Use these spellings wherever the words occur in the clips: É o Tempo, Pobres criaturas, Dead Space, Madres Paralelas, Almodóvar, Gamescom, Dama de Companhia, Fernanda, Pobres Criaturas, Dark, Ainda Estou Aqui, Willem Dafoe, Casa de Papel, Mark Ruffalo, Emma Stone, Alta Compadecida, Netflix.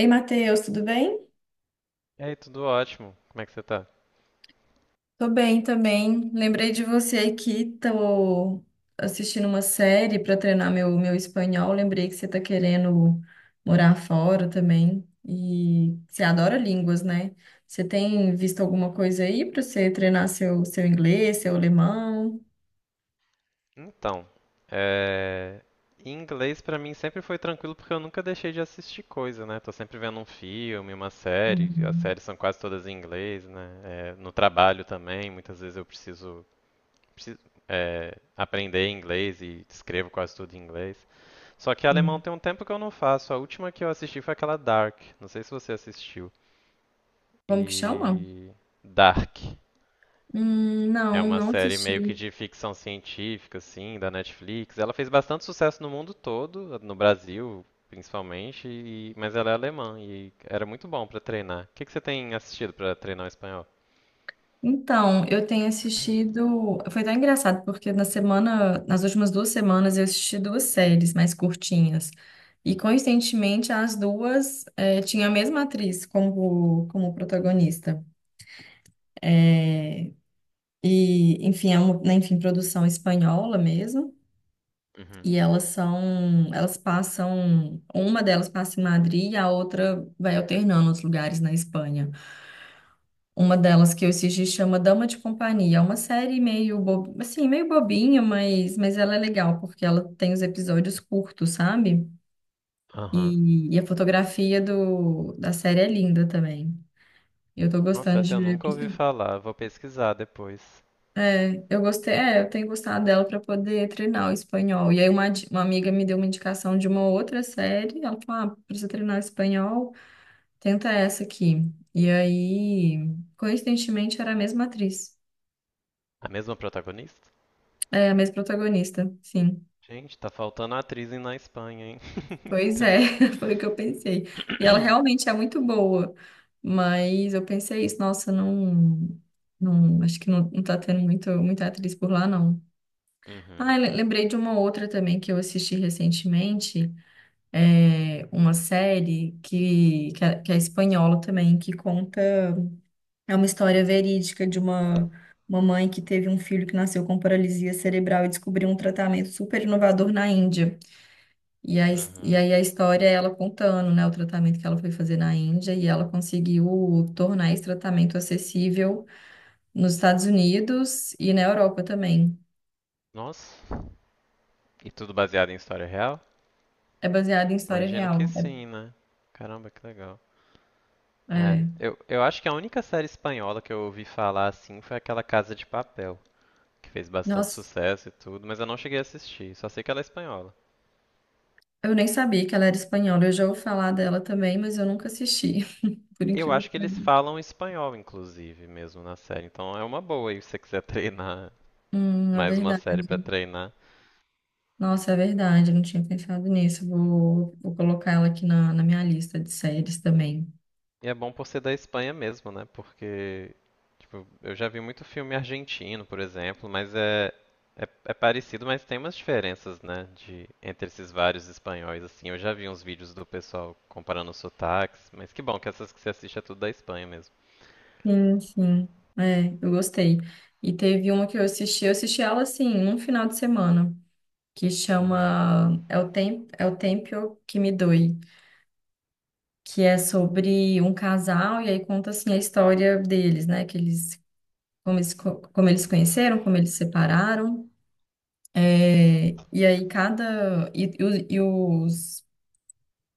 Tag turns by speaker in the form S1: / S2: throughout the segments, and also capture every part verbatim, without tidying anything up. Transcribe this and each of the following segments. S1: Ei, Matheus, tudo bem?
S2: E aí, tudo ótimo? Como é que você tá?
S1: Tô bem também. Lembrei de você aqui, tô assistindo uma série para treinar meu, meu espanhol. Lembrei que você tá querendo morar fora também. E você adora línguas, né? Você tem visto alguma coisa aí para você treinar seu, seu inglês, seu alemão?
S2: Então, é... em inglês pra mim sempre foi tranquilo porque eu nunca deixei de assistir coisa, né? Tô sempre vendo um filme, uma série. As
S1: Uhum.
S2: séries são quase todas em inglês, né? É, no trabalho também, muitas vezes eu preciso, preciso, é, aprender inglês e escrevo quase tudo em inglês. Só que alemão tem um tempo que eu não faço. A última que eu assisti foi aquela Dark. Não sei se você assistiu.
S1: Como que chama?
S2: E Dark.
S1: Hum,
S2: É
S1: não,
S2: uma
S1: não
S2: série meio que
S1: assisti.
S2: de ficção científica, assim, da Netflix. Ela fez bastante sucesso no mundo todo, no Brasil principalmente, e- mas ela é alemã e era muito bom pra treinar. O que que você tem assistido pra treinar o espanhol?
S1: Então, eu tenho assistido. Foi tão engraçado, porque na semana, nas últimas duas semanas, eu assisti duas séries mais curtinhas. E coincidentemente, as duas eh, tinham a mesma atriz como, como protagonista. É, e, enfim, é uma, né, enfim, produção espanhola mesmo.
S2: Uhum.
S1: E elas são, elas passam, uma delas passa em Madrid e a outra vai alternando os lugares na Espanha. Uma delas que eu assisti chama Dama de Companhia. É uma série meio bo... assim, meio bobinha, mas... mas ela é legal porque ela tem os episódios curtos, sabe?
S2: Aham.
S1: E, e a fotografia do... da série é linda também. Eu tô
S2: Nossa,
S1: gostando
S2: essa eu
S1: de ver.
S2: nunca ouvi falar. Vou pesquisar depois.
S1: É, eu gostei, é, eu tenho gostado dela para poder treinar o espanhol. E aí uma, di- uma amiga me deu uma indicação de uma outra série. Ela falou: "Ah, precisa treinar o espanhol, tenta essa aqui". E aí, coincidentemente, era a mesma atriz.
S2: A mesma protagonista?
S1: É, a mesma protagonista, sim.
S2: Gente, tá faltando atriz em- na Espanha, hein?
S1: Pois é, foi o que eu pensei. E ela realmente é muito boa, mas eu pensei isso, nossa, não, não, acho que não, não tá tendo muito, muita atriz por lá, não.
S2: Uhum.
S1: Ah, le- lembrei de uma outra também que eu assisti recentemente, é uma série que, que é, que é espanhola também, que conta, é uma história verídica de uma uma mãe que teve um filho que nasceu com paralisia cerebral e descobriu um tratamento super inovador na Índia. E aí, e
S2: Uhum.
S1: aí a história é ela contando, né, o tratamento que ela foi fazer na Índia e ela conseguiu tornar esse tratamento acessível nos Estados Unidos e na Europa também.
S2: Nossa. E tudo baseado em história real?
S1: É baseado em história
S2: Imagino que
S1: real.
S2: sim, né? Caramba, que legal.
S1: É,
S2: É,
S1: é.
S2: eu, eu acho que a única série espanhola que eu ouvi falar assim foi aquela Casa de Papel, que fez bastante
S1: Nossa,
S2: sucesso e tudo, mas eu não cheguei a assistir, só sei que ela é espanhola.
S1: eu nem sabia que ela era espanhola. Eu já ouvi falar dela também, mas eu nunca assisti, por
S2: Eu
S1: incrível
S2: acho
S1: que
S2: que eles
S1: pareça.
S2: falam espanhol, inclusive, mesmo na série, então é uma boa aí se você quiser treinar
S1: Hum, é
S2: mais uma
S1: verdade.
S2: série pra treinar.
S1: Nossa, é verdade. Eu não tinha pensado nisso. Vou, vou colocar ela aqui na, na minha lista de séries também.
S2: E é bom por ser da Espanha mesmo, né? Porque Tipo, eu já vi muito filme argentino, por exemplo, mas é, é, é parecido, mas tem umas diferenças, né, de, entre esses vários espanhóis, assim. Eu já vi uns vídeos do pessoal comparando os sotaques, mas que bom que essas que você assiste é tudo da Espanha mesmo.
S1: Sim, sim. É, eu gostei. E teve uma que eu assisti, eu assisti ela assim, num final de semana, que
S2: Uhum,
S1: chama É o Tempo, É o Tempo que me doe, que é sobre um casal e aí conta assim a história deles, né, que eles como eles, co- como eles se conheceram, como eles se separaram. É, e aí cada e, e os, e os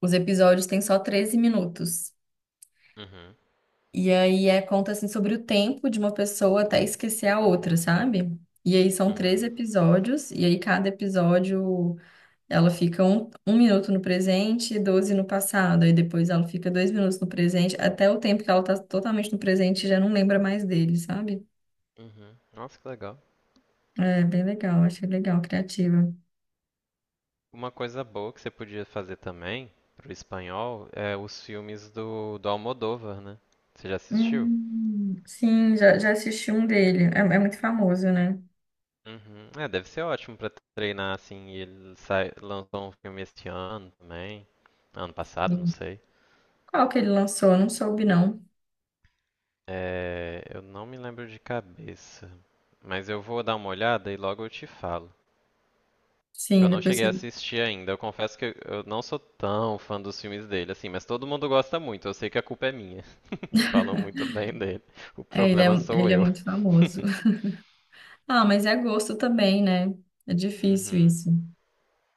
S1: os episódios têm só treze minutos.
S2: uhum,
S1: E aí é conta assim sobre o tempo de uma pessoa até esquecer a outra, sabe? E aí são três
S2: uhum,
S1: episódios, e aí cada episódio ela fica um, um minuto no presente e doze no passado. Aí depois ela fica dois minutos no presente, até o tempo que ela tá totalmente no presente já não lembra mais dele, sabe?
S2: uhum. Nossa, que legal.
S1: É bem legal, achei legal, criativa.
S2: Uma coisa boa que você podia fazer também pro espanhol é os filmes do, do Almodóvar, né? Você já assistiu?
S1: Hum, sim, já, já assisti um dele. É, é muito famoso, né?
S2: Uhum. É, deve ser ótimo pra treinar assim. E ele sai, lançou um filme este ano também. Ano passado, não
S1: Sim.
S2: sei.
S1: Qual que ele lançou? Eu não soube, não.
S2: É, eu não me lembro de cabeça, mas eu vou dar uma olhada e logo eu te falo. Eu
S1: Sim,
S2: não
S1: depois
S2: cheguei a
S1: você...
S2: assistir ainda. Eu confesso que eu eu não sou tão fã dos filmes dele, assim, mas todo mundo gosta muito. Eu sei que a culpa é minha. Falam muito bem dele. O
S1: É, ele é,
S2: problema sou
S1: ele é
S2: eu.
S1: muito famoso. Ah, mas é gosto também, né? É difícil
S2: Uhum.
S1: isso.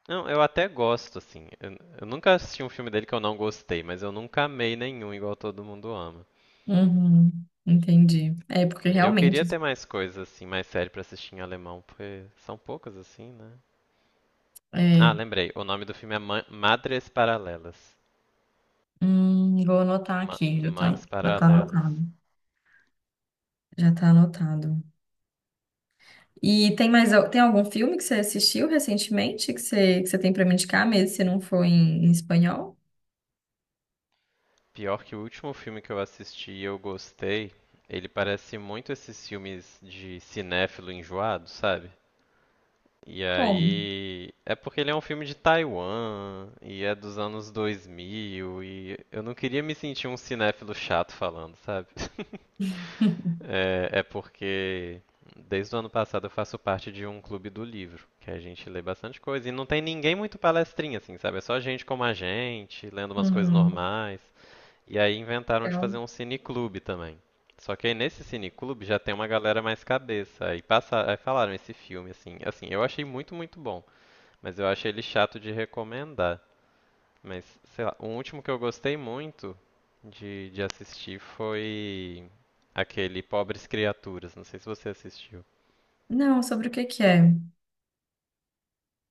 S2: Não, eu até gosto, assim. Eu, eu nunca assisti um filme dele que eu não gostei, mas eu nunca amei nenhum igual todo mundo ama.
S1: Uhum, entendi. É, porque
S2: Eu
S1: realmente.
S2: queria ter mais coisas, assim, mais série pra assistir em alemão, porque são poucas, assim, né? Ah,
S1: É,
S2: lembrei. O nome do filme é Ma- Madres Paralelas.
S1: hum, vou anotar
S2: Ma-
S1: aqui, já tá,
S2: Mães
S1: já tá
S2: Paralelas.
S1: anotado. Já tá anotado. E tem mais, al- tem algum filme que você assistiu recentemente que você, que você tem pra me indicar, mesmo se não for em, em espanhol?
S2: Pior que o último filme que eu assisti e eu gostei, ele parece muito esses filmes de cinéfilo enjoado, sabe? E
S1: Como?
S2: aí. É porque ele é um filme de Taiwan, e é dos anos dois mil, e eu não queria me sentir um cinéfilo chato falando, sabe? É, é porque desde o ano passado eu faço parte de um clube do livro, que a gente lê bastante coisa. E não tem ninguém muito palestrinha, assim, sabe? É só gente como a gente, lendo umas coisas
S1: Uhum,
S2: normais. E aí inventaram de
S1: legal.
S2: fazer um cineclube também. Só que aí nesse cineclube já tem uma galera mais cabeça. Aí, passa, aí falaram esse filme, assim. Assim, eu achei muito, muito bom. Mas eu achei ele chato de recomendar. Mas, sei lá, o último que eu gostei muito de, de assistir foi aquele Pobres Criaturas. Não sei se você assistiu.
S1: Não, sobre o que que é?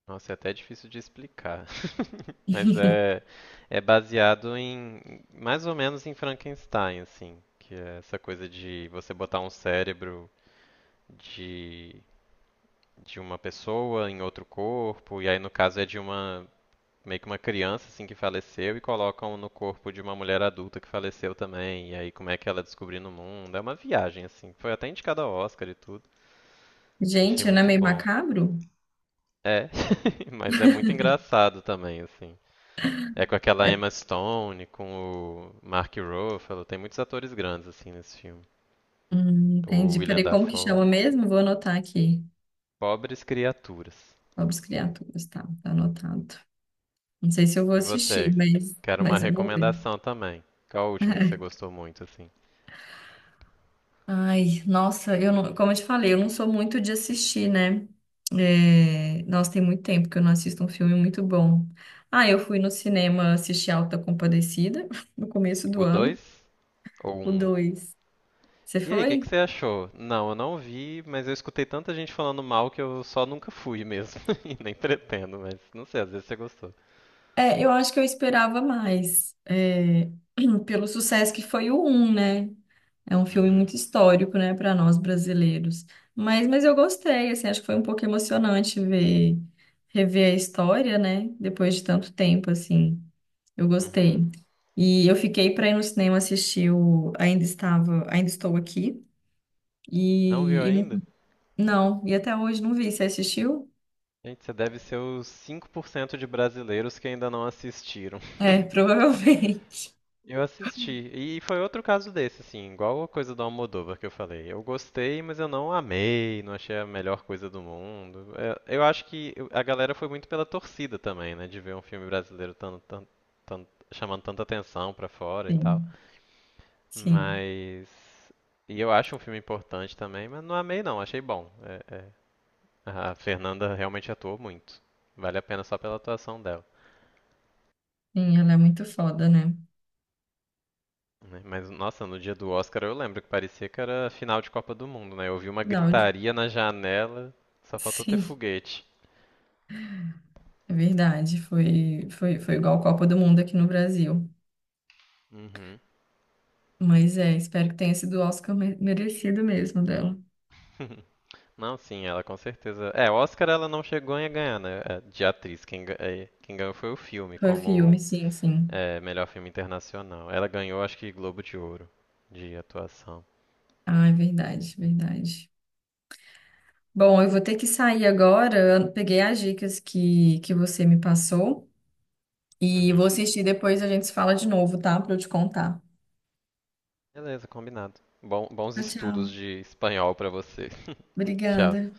S2: Nossa, é até difícil de explicar. Mas é, é baseado em, mais ou menos em Frankenstein, assim. Que é essa coisa de você botar um cérebro de, de uma pessoa em outro corpo. E aí, no caso, é de uma meio que uma criança assim que faleceu e colocam no corpo de uma mulher adulta que faleceu também. E aí como é que ela descobriu no mundo? É uma viagem assim. Foi até indicada ao Oscar e tudo. Achei
S1: Gente, não é
S2: muito
S1: meio
S2: bom.
S1: macabro?
S2: É, mas é muito engraçado também assim. É com aquela
S1: É.
S2: Emma Stone, com o Mark Ruffalo, tem muitos atores grandes assim nesse filme.
S1: Hum,
S2: O
S1: entendi.
S2: Willem
S1: Peraí, como que
S2: Dafoe,
S1: chama mesmo? Vou anotar aqui.
S2: Pobres Criaturas.
S1: Pobres criaturas, tá, tá anotado. Não sei se eu vou
S2: E
S1: assistir,
S2: você?
S1: mas,
S2: Quero uma
S1: mas eu vou ver.
S2: recomendação também. Qual é o último que você gostou muito assim?
S1: Ai, nossa, eu não, como eu te falei, eu não sou muito de assistir, né? É, nossa, tem muito tempo que eu não assisto um filme muito bom. Ah, eu fui no cinema assistir Alta Compadecida no começo do
S2: O
S1: ano,
S2: dois ou
S1: o
S2: um.
S1: dois. Você
S2: E aí, o que que
S1: foi?
S2: você achou? Não, eu não vi, mas eu escutei tanta gente falando mal que eu só nunca fui mesmo. E nem pretendo, mas não sei, às vezes você gostou.
S1: É, eu acho que eu esperava mais, é, pelo sucesso que foi o um, né? É um filme
S2: Uhum,
S1: muito histórico, né, para nós brasileiros. Mas, mas eu gostei, assim, acho que foi um pouco emocionante ver, rever a história, né, depois de tanto tempo, assim. Eu
S2: uhum.
S1: gostei. E eu fiquei para ir no cinema assistir o Ainda Estava, Ainda Estou Aqui.
S2: Não viu
S1: E, e não,
S2: ainda?
S1: não, e até hoje não vi. Você assistiu?
S2: Gente, você deve ser os cinco por cento de brasileiros que ainda não assistiram.
S1: É, provavelmente.
S2: Eu assisti. E foi outro caso desse, assim, igual a coisa do Almodóvar que eu falei. Eu gostei, mas eu não amei, não achei a melhor coisa do mundo. É, eu acho que a galera foi muito pela torcida também, né? De ver um filme brasileiro tan- tan- tan- chamando tanta atenção pra fora e tal.
S1: Sim, sim.
S2: Mas. E é importante. Mas não amei, não, achei bom. É- é. A Fernanda realmente atuou muito. Vale a pena só pela atuação dela.
S1: Sim, ela é muito foda, né?
S2: Né? Mas, nossa, no dia do Oscar eu lembro que parecia que era final de Copa do Mundo, né? Eu ouvi uma
S1: Não,
S2: gritaria na janela, só faltou ter
S1: sim,
S2: foguete.
S1: é verdade. Foi, foi, foi igual a Copa do Mundo aqui no Brasil.
S2: Uhum.
S1: Mas é, espero que tenha sido o Oscar me- merecido mesmo dela.
S2: Não, sim, ela com certeza. É, Oscar ela não chegou a ganhar, né? É, de atriz. Quem, ga- é, quem ganhou foi o filme,
S1: Foi filme,
S2: como
S1: sim, sim.
S2: é, melhor filme internacional. Ela ganhou, acho que Globo de Ouro de atuação.
S1: Ah, é verdade, verdade. Bom, eu vou ter que sair agora. Eu peguei as dicas que, que você me passou e vou
S2: Uhum.
S1: assistir depois a gente se fala de novo, tá? Pra eu te contar.
S2: Beleza, combinado. Bom- bons
S1: Tchau, tchau.
S2: estudos de espanhol pra você. Tchau.
S1: Obrigada.